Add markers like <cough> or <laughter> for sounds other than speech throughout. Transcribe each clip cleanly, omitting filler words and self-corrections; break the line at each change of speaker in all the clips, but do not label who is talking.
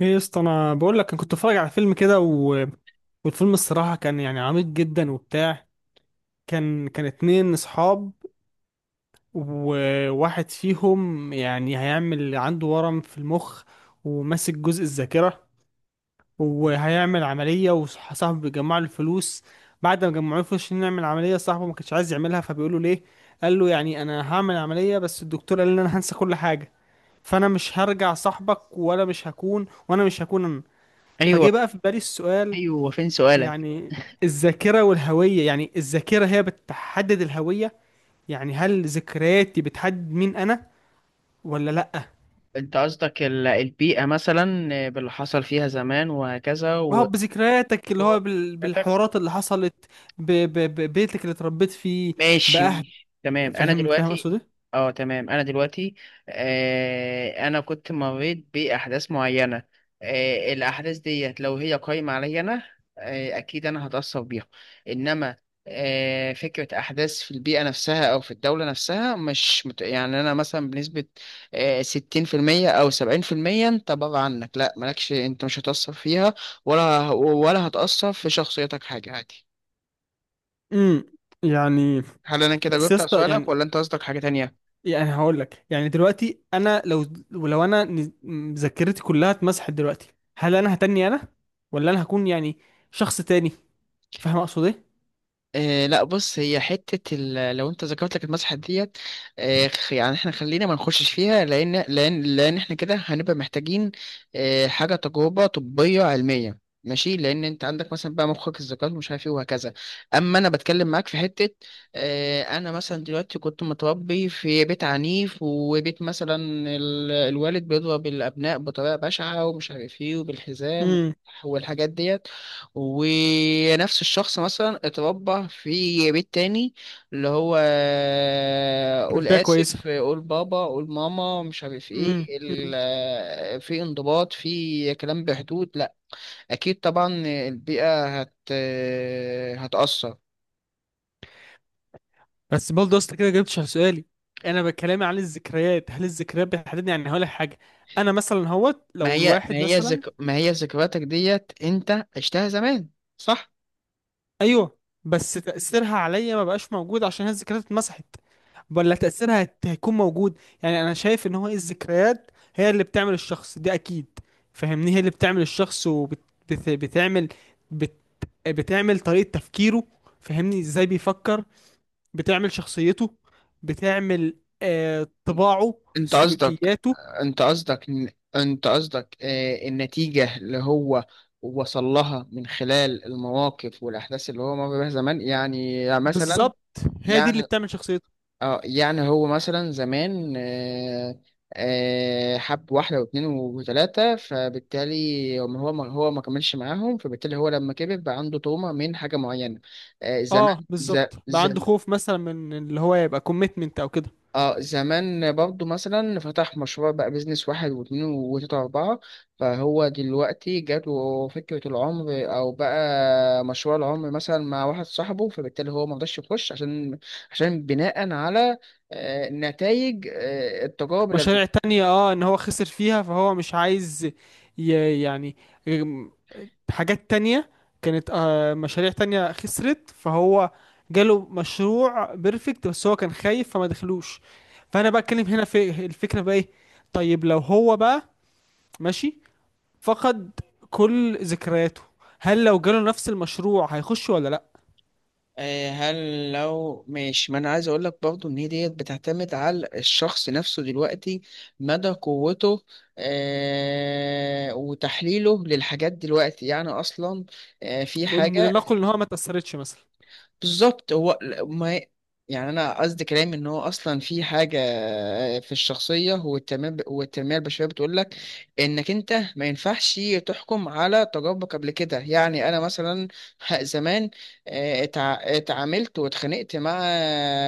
ايه يا اسطى، انا بقول لك انا كنت بتفرج على فيلم كده والفيلم الصراحه كان يعني عميق جدا وبتاع. كان اتنين اصحاب، وواحد فيهم يعني هيعمل عنده ورم في المخ وماسك جزء الذاكره، وهيعمل عمليه وصاحبه بيجمع له الفلوس. بعد ما جمعوا له فلوس عشان يعمل عمليه صاحبه ما كانش عايز يعملها فبيقول له ليه. قال له يعني انا هعمل عمليه بس الدكتور قال لي ان انا هنسى كل حاجه، فانا مش هرجع صاحبك ولا مش هكون، وانا مش هكون انا.
ايوه.
فجه بقى في بالي السؤال،
ايوه، فين سؤالك؟
يعني الذاكرة والهوية، يعني الذاكرة هي بتحدد الهوية، يعني هل ذكرياتي بتحدد مين أنا ولا لأ؟
انت قصدك البيئه مثلا، آه، باللي حصل فيها زمان وهكذا
وهو
و...
بذكرياتك اللي هو بالحوارات اللي حصلت ببيتك اللي اتربيت فيه
ماشي
بأهل.
ماشي تمام. انا
فاهم
دلوقتي
أقصد إيه؟
اه تمام، انا دلوقتي آه انا كنت مريت باحداث معينه. آه الاحداث ديت لو هي قايمه عليا انا، آه اكيد انا هتاثر بيها. انما آه فكره احداث في البيئه نفسها او في الدوله نفسها مش مت... يعني انا مثلا بنسبه آه 60% او 70%، انت بره عنك لا، مالكش، انت مش هتاثر فيها ولا هتاثر في شخصيتك حاجه عادي.
امم يعني،
هل انا كده
بس يا
جبت على
اسطى،
سؤالك؟
يعني
ولا انت قصدك حاجه تانية؟
يعني هقول لك، يعني دلوقتي أنا لو، ولو أنا ذاكرتي كلها اتمسحت دلوقتي، هل أنا هتني أنا ولا أنا هكون يعني شخص تاني؟ فاهم أقصد إيه؟
آه لا بص، هي حتة لو انت ذكرت لك المسحة ديت، آه، يعني احنا خلينا ما نخشش فيها لان احنا كده هنبقى محتاجين آه حاجة تجربة طبية علمية. ماشي، لان انت عندك مثلا بقى مخك الذكاء ومش عارف ايه وهكذا، اما انا بتكلم معاك في حتة، آه انا مثلا دلوقتي كنت متربي في بيت عنيف، وبيت مثلا الوالد بيضرب الابناء بطريقة بشعة ومش عارف ايه، وبالحزام
امم
والحاجات ديت. ونفس الشخص مثلا اتربى في بيت تاني اللي هو <laughs> قول
ده كويسة.
آسف، قول بابا، قول ماما، مش عارف ايه
امم.
في انضباط، في كلام بحدود، لا اكيد طبعا. البيئة هتأثر.
بس برضه اصل كده جبتش على سؤالي. انا بكلامي عن الذكريات، هل الذكريات بتحددني؟ يعني هقول لك حاجه، انا مثلا هوت
ما
لو
هي ما
الواحد
هي
مثلا،
ذك... ما هي ذكرياتك ديت انت عشتها زمان، صح؟
ايوه. بس تاثيرها عليا ما بقاش موجود عشان هي الذكريات اتمسحت، ولا تاثيرها هيكون موجود؟ يعني انا شايف ان هو إيه، الذكريات هي اللي بتعمل الشخص دي اكيد. فاهمني، هي اللي بتعمل الشخص وبتعمل، بت... بت- بتعمل بت- بتعمل طريقه تفكيره، فاهمني ازاي بيفكر، بتعمل شخصيته، بتعمل آه طباعه،
انت قصدك
سلوكياته.
انت قصدك ان- انت قصدك، آه، النتيجة اللي هو وصل لها من خلال المواقف والأحداث اللي هو مر بيها زمان؟ يعني مثلا
بالظبط، هي دي اللي
يعني
بتعمل شخصيته.
اه يعني هو مثلا زمان، آه، آه، حب واحدة واثنين وثلاثة، فبالتالي هو ما كملش معاهم، فبالتالي هو لما كبر بقى عنده تروما من حاجة معينة آه، زمان.
اه بالظبط، بقى عنده
ز-
خوف مثلا من اللي هو يبقى كوميتمنت او كده.
اه زمان برضو مثلا فتح مشروع بقى بيزنس واحد واتنين وتلاتة وأربعة، فهو دلوقتي جاته فكرة العمر أو بقى مشروع العمر مثلا مع واحد صاحبه، فبالتالي هو مرضاش يخش، عشان عشان بناء على نتائج التجارب اللي
مشاريع تانية، اه ان هو خسر فيها فهو مش عايز، يعني، ام، حاجات تانية كانت آه مشاريع تانية خسرت، فهو جاله مشروع بيرفكت بس هو كان خايف فما دخلوش. فانا بقى اتكلم هنا في الفكرة بقى ايه؟ طيب لو هو بقى ماشي فقد كل ذكرياته، هل لو جاله نفس المشروع هيخش ولا لا؟
آه، هل لو ماشي ما انا عايز اقول لك برضو ان هي ديت بتعتمد على الشخص نفسه دلوقتي، مدى قوته آه وتحليله للحاجات دلوقتي. يعني اصلا آه في حاجة.
لنقل ان هو ما تأثرتش مثلا.
بالظبط، هو ل- ما يعني انا قصدي كلامي ان هو اصلا في حاجه، في الشخصيه والتنميه، والتنميه البشريه بتقول لك انك انت ما ينفعش تحكم على تجاربك قبل كده. يعني انا مثلا زمان، آه، اتعاملت واتخانقت مع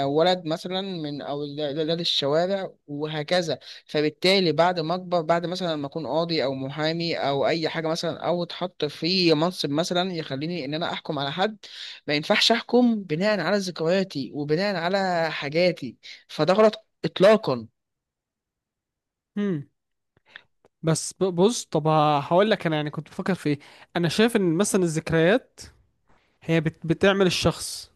ولد مثلا من اولاد الشوارع وهكذا، فبالتالي بعد ما اكبر، بعد مثلا ما اكون قاضي او محامي او اي حاجه مثلا او اتحط في منصب مثلا يخليني ان انا احكم على حد، ما ينفعش احكم بناء على ذكرياتي وبناء على حاجاتي، فده غلط اطلاقا.
هم. بس بص طب، هقول لك انا يعني كنت بفكر في ايه. انا شايف ان مثلا الذكريات هي بتعمل الشخص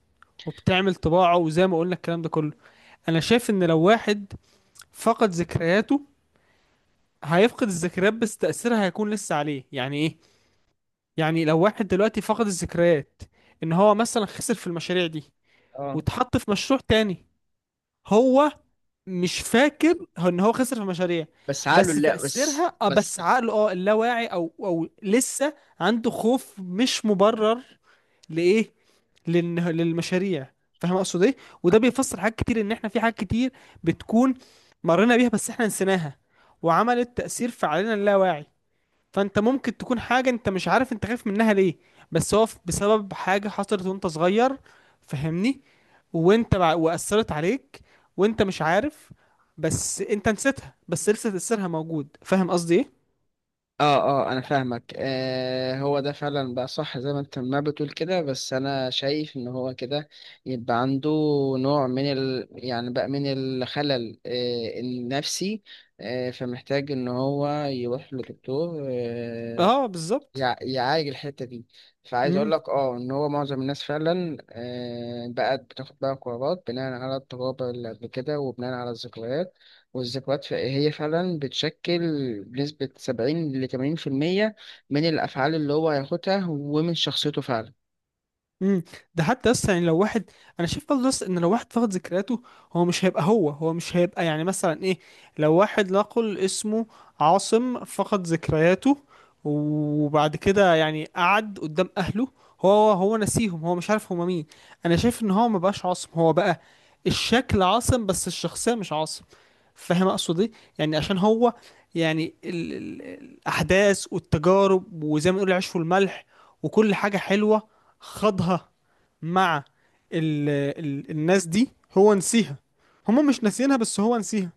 وبتعمل طباعه وزي ما قلنا الكلام ده كله. انا شايف ان لو واحد فقد ذكرياته هيفقد الذكريات بس تأثيرها هيكون لسه عليه. يعني ايه؟ يعني لو واحد دلوقتي فقد الذكريات ان هو مثلا خسر في المشاريع دي
اه
واتحط في مشروع تاني، هو مش فاكر هو ان هو خسر في مشاريع،
بس عقله
بس
لا، بس
تأثيرها، اه
بس
بس عقله، اه اللاواعي او او لسه عنده خوف مش مبرر لإيه؟ للمشاريع. فاهم اقصد ايه؟ وده بيفسر حاجات كتير، ان احنا في حاجات كتير بتكون مرينا بيها بس احنا نسيناها وعملت تأثير في علينا اللاواعي. فانت ممكن تكون حاجة انت مش عارف انت خايف منها ليه، بس هو بسبب حاجة حصلت وانت صغير، فهمني، وأثرت عليك وانت مش عارف، بس انت نسيتها بس لسه تأثيرها موجود. فاهم قصدي ايه؟
اه، اه انا فاهمك آه. هو ده فعلا بقى صح زي ما انت ما بتقول كده، بس انا شايف ان هو كده يبقى عنده نوع من ال يعني بقى من الخلل آه النفسي، آه فمحتاج ان هو يروح لدكتور آه
اه بالظبط.
يعالج الحتة دي. فعايز أقول
مم.
لك أه إن هو معظم الناس فعلا، آه، بقت بتاخد بقى قرارات بناء على التجارب اللي قبل كده وبناء على الذكريات. والذكريات هي فعلا بتشكل بنسبة 70 لـ80% من الأفعال اللي هو هياخدها ومن شخصيته فعلا.
امم. ده حتى اصلا يعني لو واحد، انا شايف برضه لسه ان لو واحد فقد ذكرياته هو مش هيبقى هو، هو مش هيبقى يعني مثلا ايه، لو واحد نقل اسمه عاصم فقد ذكرياته وبعد كده يعني قعد قدام اهله هو، هو نسيهم، هو مش عارف هما مين. انا شايف ان هو ما بقاش عاصم، هو بقى الشكل عاصم بس الشخصية مش عاصم. فاهم اقصد ايه؟ يعني عشان هو، يعني ال ال الاحداث والتجارب وزي ما نقول العيش والملح وكل حاجة حلوة خاضها مع ال ال الناس دي، هو نسيها، هما مش ناسيينها بس هو نسيها.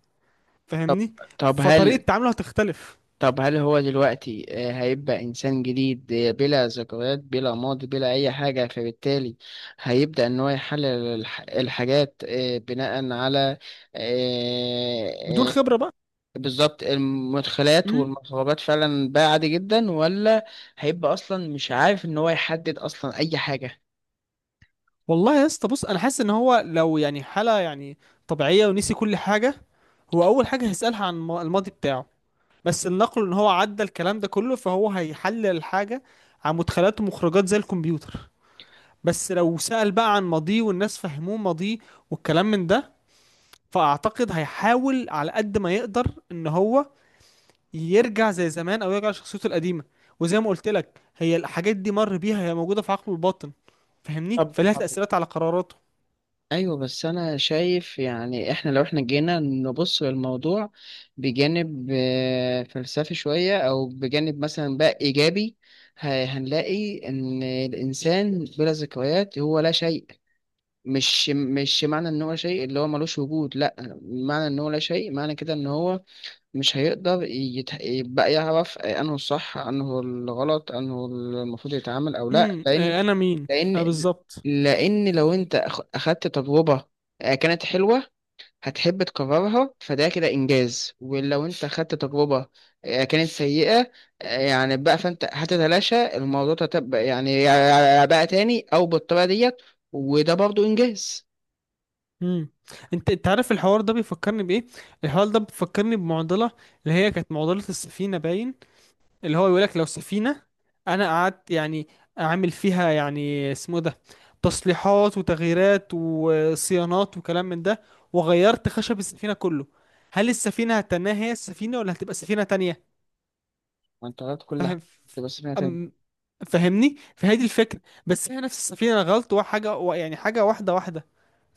طب
فاهمني،
طب
فطريقة
هل
تعامله هتختلف
طب هل هو دلوقتي، آه، هيبقى إنسان جديد آه، بلا ذكريات بلا ماضي بلا أي حاجة، فبالتالي هيبدأ إن هو يحلل الحاجات آه، بناء على آه،
بدون
آه،
خبرة بقى.
بالظبط المدخلات
مم.
والمخرجات فعلا بقى عادي جدا؟ ولا هيبقى أصلا مش عارف إن هو يحدد أصلا أي حاجة؟
والله يا اسطى بص، انا حاسس ان هو لو يعني حالة يعني طبيعية ونسي كل حاجة، هو اول حاجة هيسألها عن الماضي بتاعه. بس النقل ان هو عدى الكلام ده كله فهو هيحلل الحاجة عن مدخلات ومخرجات زي الكمبيوتر. بس لو سأل بقى عن ماضيه والناس فهموه ماضيه والكلام من ده، فاعتقد هيحاول على قد ما يقدر ان هو يرجع زي زمان او يرجع لشخصيته القديمه. وزي ما قلت لك هي الحاجات دي مر بيها هي موجوده في عقله الباطن، فاهمني،
طب
فلها
طب
تاثيرات على قراراته.
ايوه، بس انا شايف يعني احنا لو احنا جينا نبص للموضوع بجانب آه، فلسفي شوية او بجانب مثلا بقى ايجابي، هنلاقي ان الانسان بلا ذكريات هو لا شيء. مش معنى ان هو شيء اللي هو ملوش وجود، لا، معنى ان هو لا شيء معنى كده ان هو مش هيقدر يبقى يعرف انه الصح انه الغلط انه المفروض يتعامل او لا،
امم، آه، انا مين. اه
لان
بالظبط.
لان لو انت اخدت تجربه، آه، كانت حلوه، هتحب تكررها، فده كده انجاز. ولو انت اخدت تجربه، آه، كانت سيئه، آه، يعني بقى، فانت هتتلاشى الموضوع ده، تبقى يعني بقى تاني او بالطريقه ديت، وده برضو انجاز.
امم، انت انت عارف الحوار ده بيفكرني بايه؟ الحوار ده بيفكرني بمعضله، اللي هي كانت معضله السفينه باين، اللي هو يقول لك لو سفينة انا قعدت يعني اعمل فيها يعني اسمه إيه ده، تصليحات وتغييرات وصيانات وكلام من ده، وغيرت خشب السفينة كله، هل السفينة هتنها هي السفينة ولا هتبقى سفينة تانية؟
وانت غلط كل حاجه
فاهم.
بس فيها تاني.
أم، فاهمني، فهذه الفكرة، بس هي نفس السفينة انا غلط وحاجة يعني حاجة واحدة.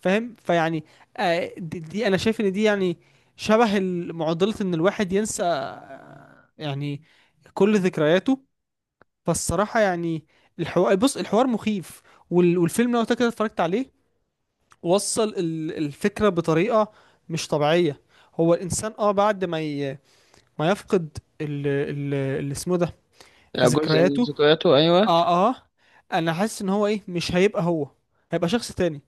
فاهم فيعني آه، دي انا شايف ان دي يعني شبه معضلة ان الواحد ينسى آه، يعني كل ذكرياته. فالصراحة يعني الحوار، بص الحوار مخيف، والفيلم لو كده اتفرجت عليه وصل الفكرة بطريقة مش طبيعية. هو الإنسان اه بعد ما ما يفقد اللي اسمه ده،
جزء من
ذكرياته.
ذكرياته، ايوه.
اه اه، انا حاسس ان هو ايه، مش هيبقى هو، هيبقى شخص تاني.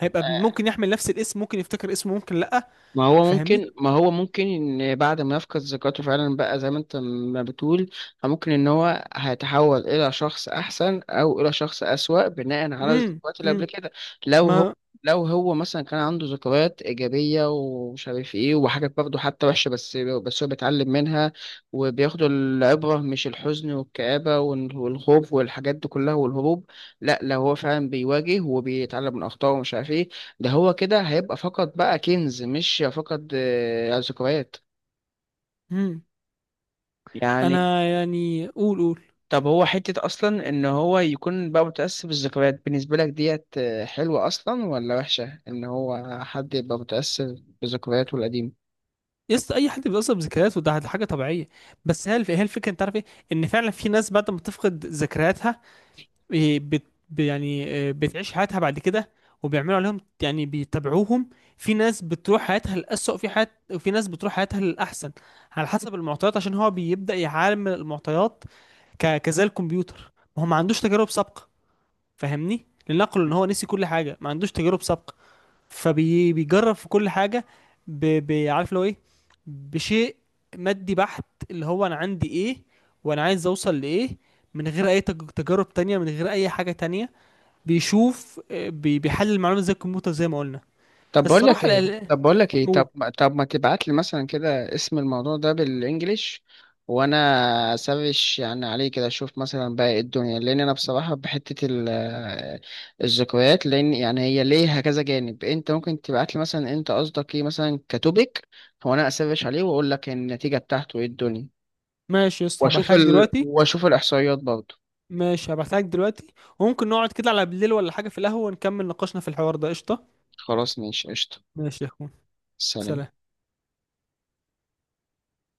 هيبقى ممكن يحمل نفس الاسم، ممكن يفتكر اسمه، ممكن لأ.
ما هو
فاهمني.
ممكن ما هو ممكن ان بعد ما يفقد ذاكرته فعلا بقى زي ما انت ما بتقول، ممكن ان هو هيتحول الى شخص احسن او الى شخص اسوأ بناء على
امم،
الذكريات اللي قبل
امم.
كده. لو هو
ما،
لو هو مثلا كان عنده ذكريات ايجابيه ومش عارف ايه وحاجات برضه حتى وحشه، بس هو بيتعلم منها، وبياخد العبره، مش الحزن والكآبه والخوف والحاجات دي كلها والهروب، لا، لو هو فعلا بيواجه وبيتعلم من اخطائه ومش عارف ايه، ده هو كده هيبقى فقط بقى كنز، مش فقط آه، ذكريات.
امم،
يعني
انا يعني قول قول.
طب هو حتة أصلا إن هو يكون بقى متأثر بالذكريات بالنسبة لك ديت، آه، حلوة أصلا ولا وحشة إن هو حد يبقى متأثر بذكرياته القديمة؟
يس، اي حد بيتاثر بذكرياته ده حاجه طبيعيه. بس هي هي الفكره انت عارف ايه، ان فعلا في ناس بعد ما تفقد ذكرياتها إيه، يعني إيه، بتعيش حياتها بعد كده وبيعملوا عليهم يعني بيتابعوهم. في ناس بتروح حياتها للأسوأ في حيات، وفي ناس بتروح حياتها للأحسن، على حسب المعطيات عشان هو بيبدأ يعامل المعطيات كزي الكمبيوتر. ما هو ما عندوش تجارب سابقة، فاهمني، لنقل ان هو نسي كل حاجة ما عندوش تجارب سابقة فبيجرب في كل حاجة. عارف لو ايه، بشيء مادي بحت، اللي هو انا عندي ايه وانا عايز اوصل لايه، من غير اي تجارب تانية من غير اي حاجة تانية، بيشوف آه، بيحلل المعلومة زي الكمبيوتر زي ما قلنا.
طب بقول لك
الصراحة
ايه طب بقول لك ايه
قول.
طب ما- طب ما تبعت لي مثلا كده اسم الموضوع ده بالانجليش، وانا سافش يعني عليه كده، اشوف مثلا بقى ايه الدنيا، لان انا بصراحه بحته الذكريات، لان يعني هي ليها كذا جانب. انت ممكن تبعت لي مثلا انت قصدك ايه مثلا كتوبيك، وانا اسافش عليه واقول لك النتيجه بتاعته ايه الدنيا،
ماشي يا اسطى،
واشوف
هبعتها لك دلوقتي.
الاحصائيات برضه.
ماشي هبعتها لك دلوقتي، وممكن نقعد كده على بالليل ولا حاجة في القهوة ونكمل نقاشنا في الحوار ده، قشطة.
خلاص ماشي قشطه.
ماشي يا اخوان.
سلام.
سلام.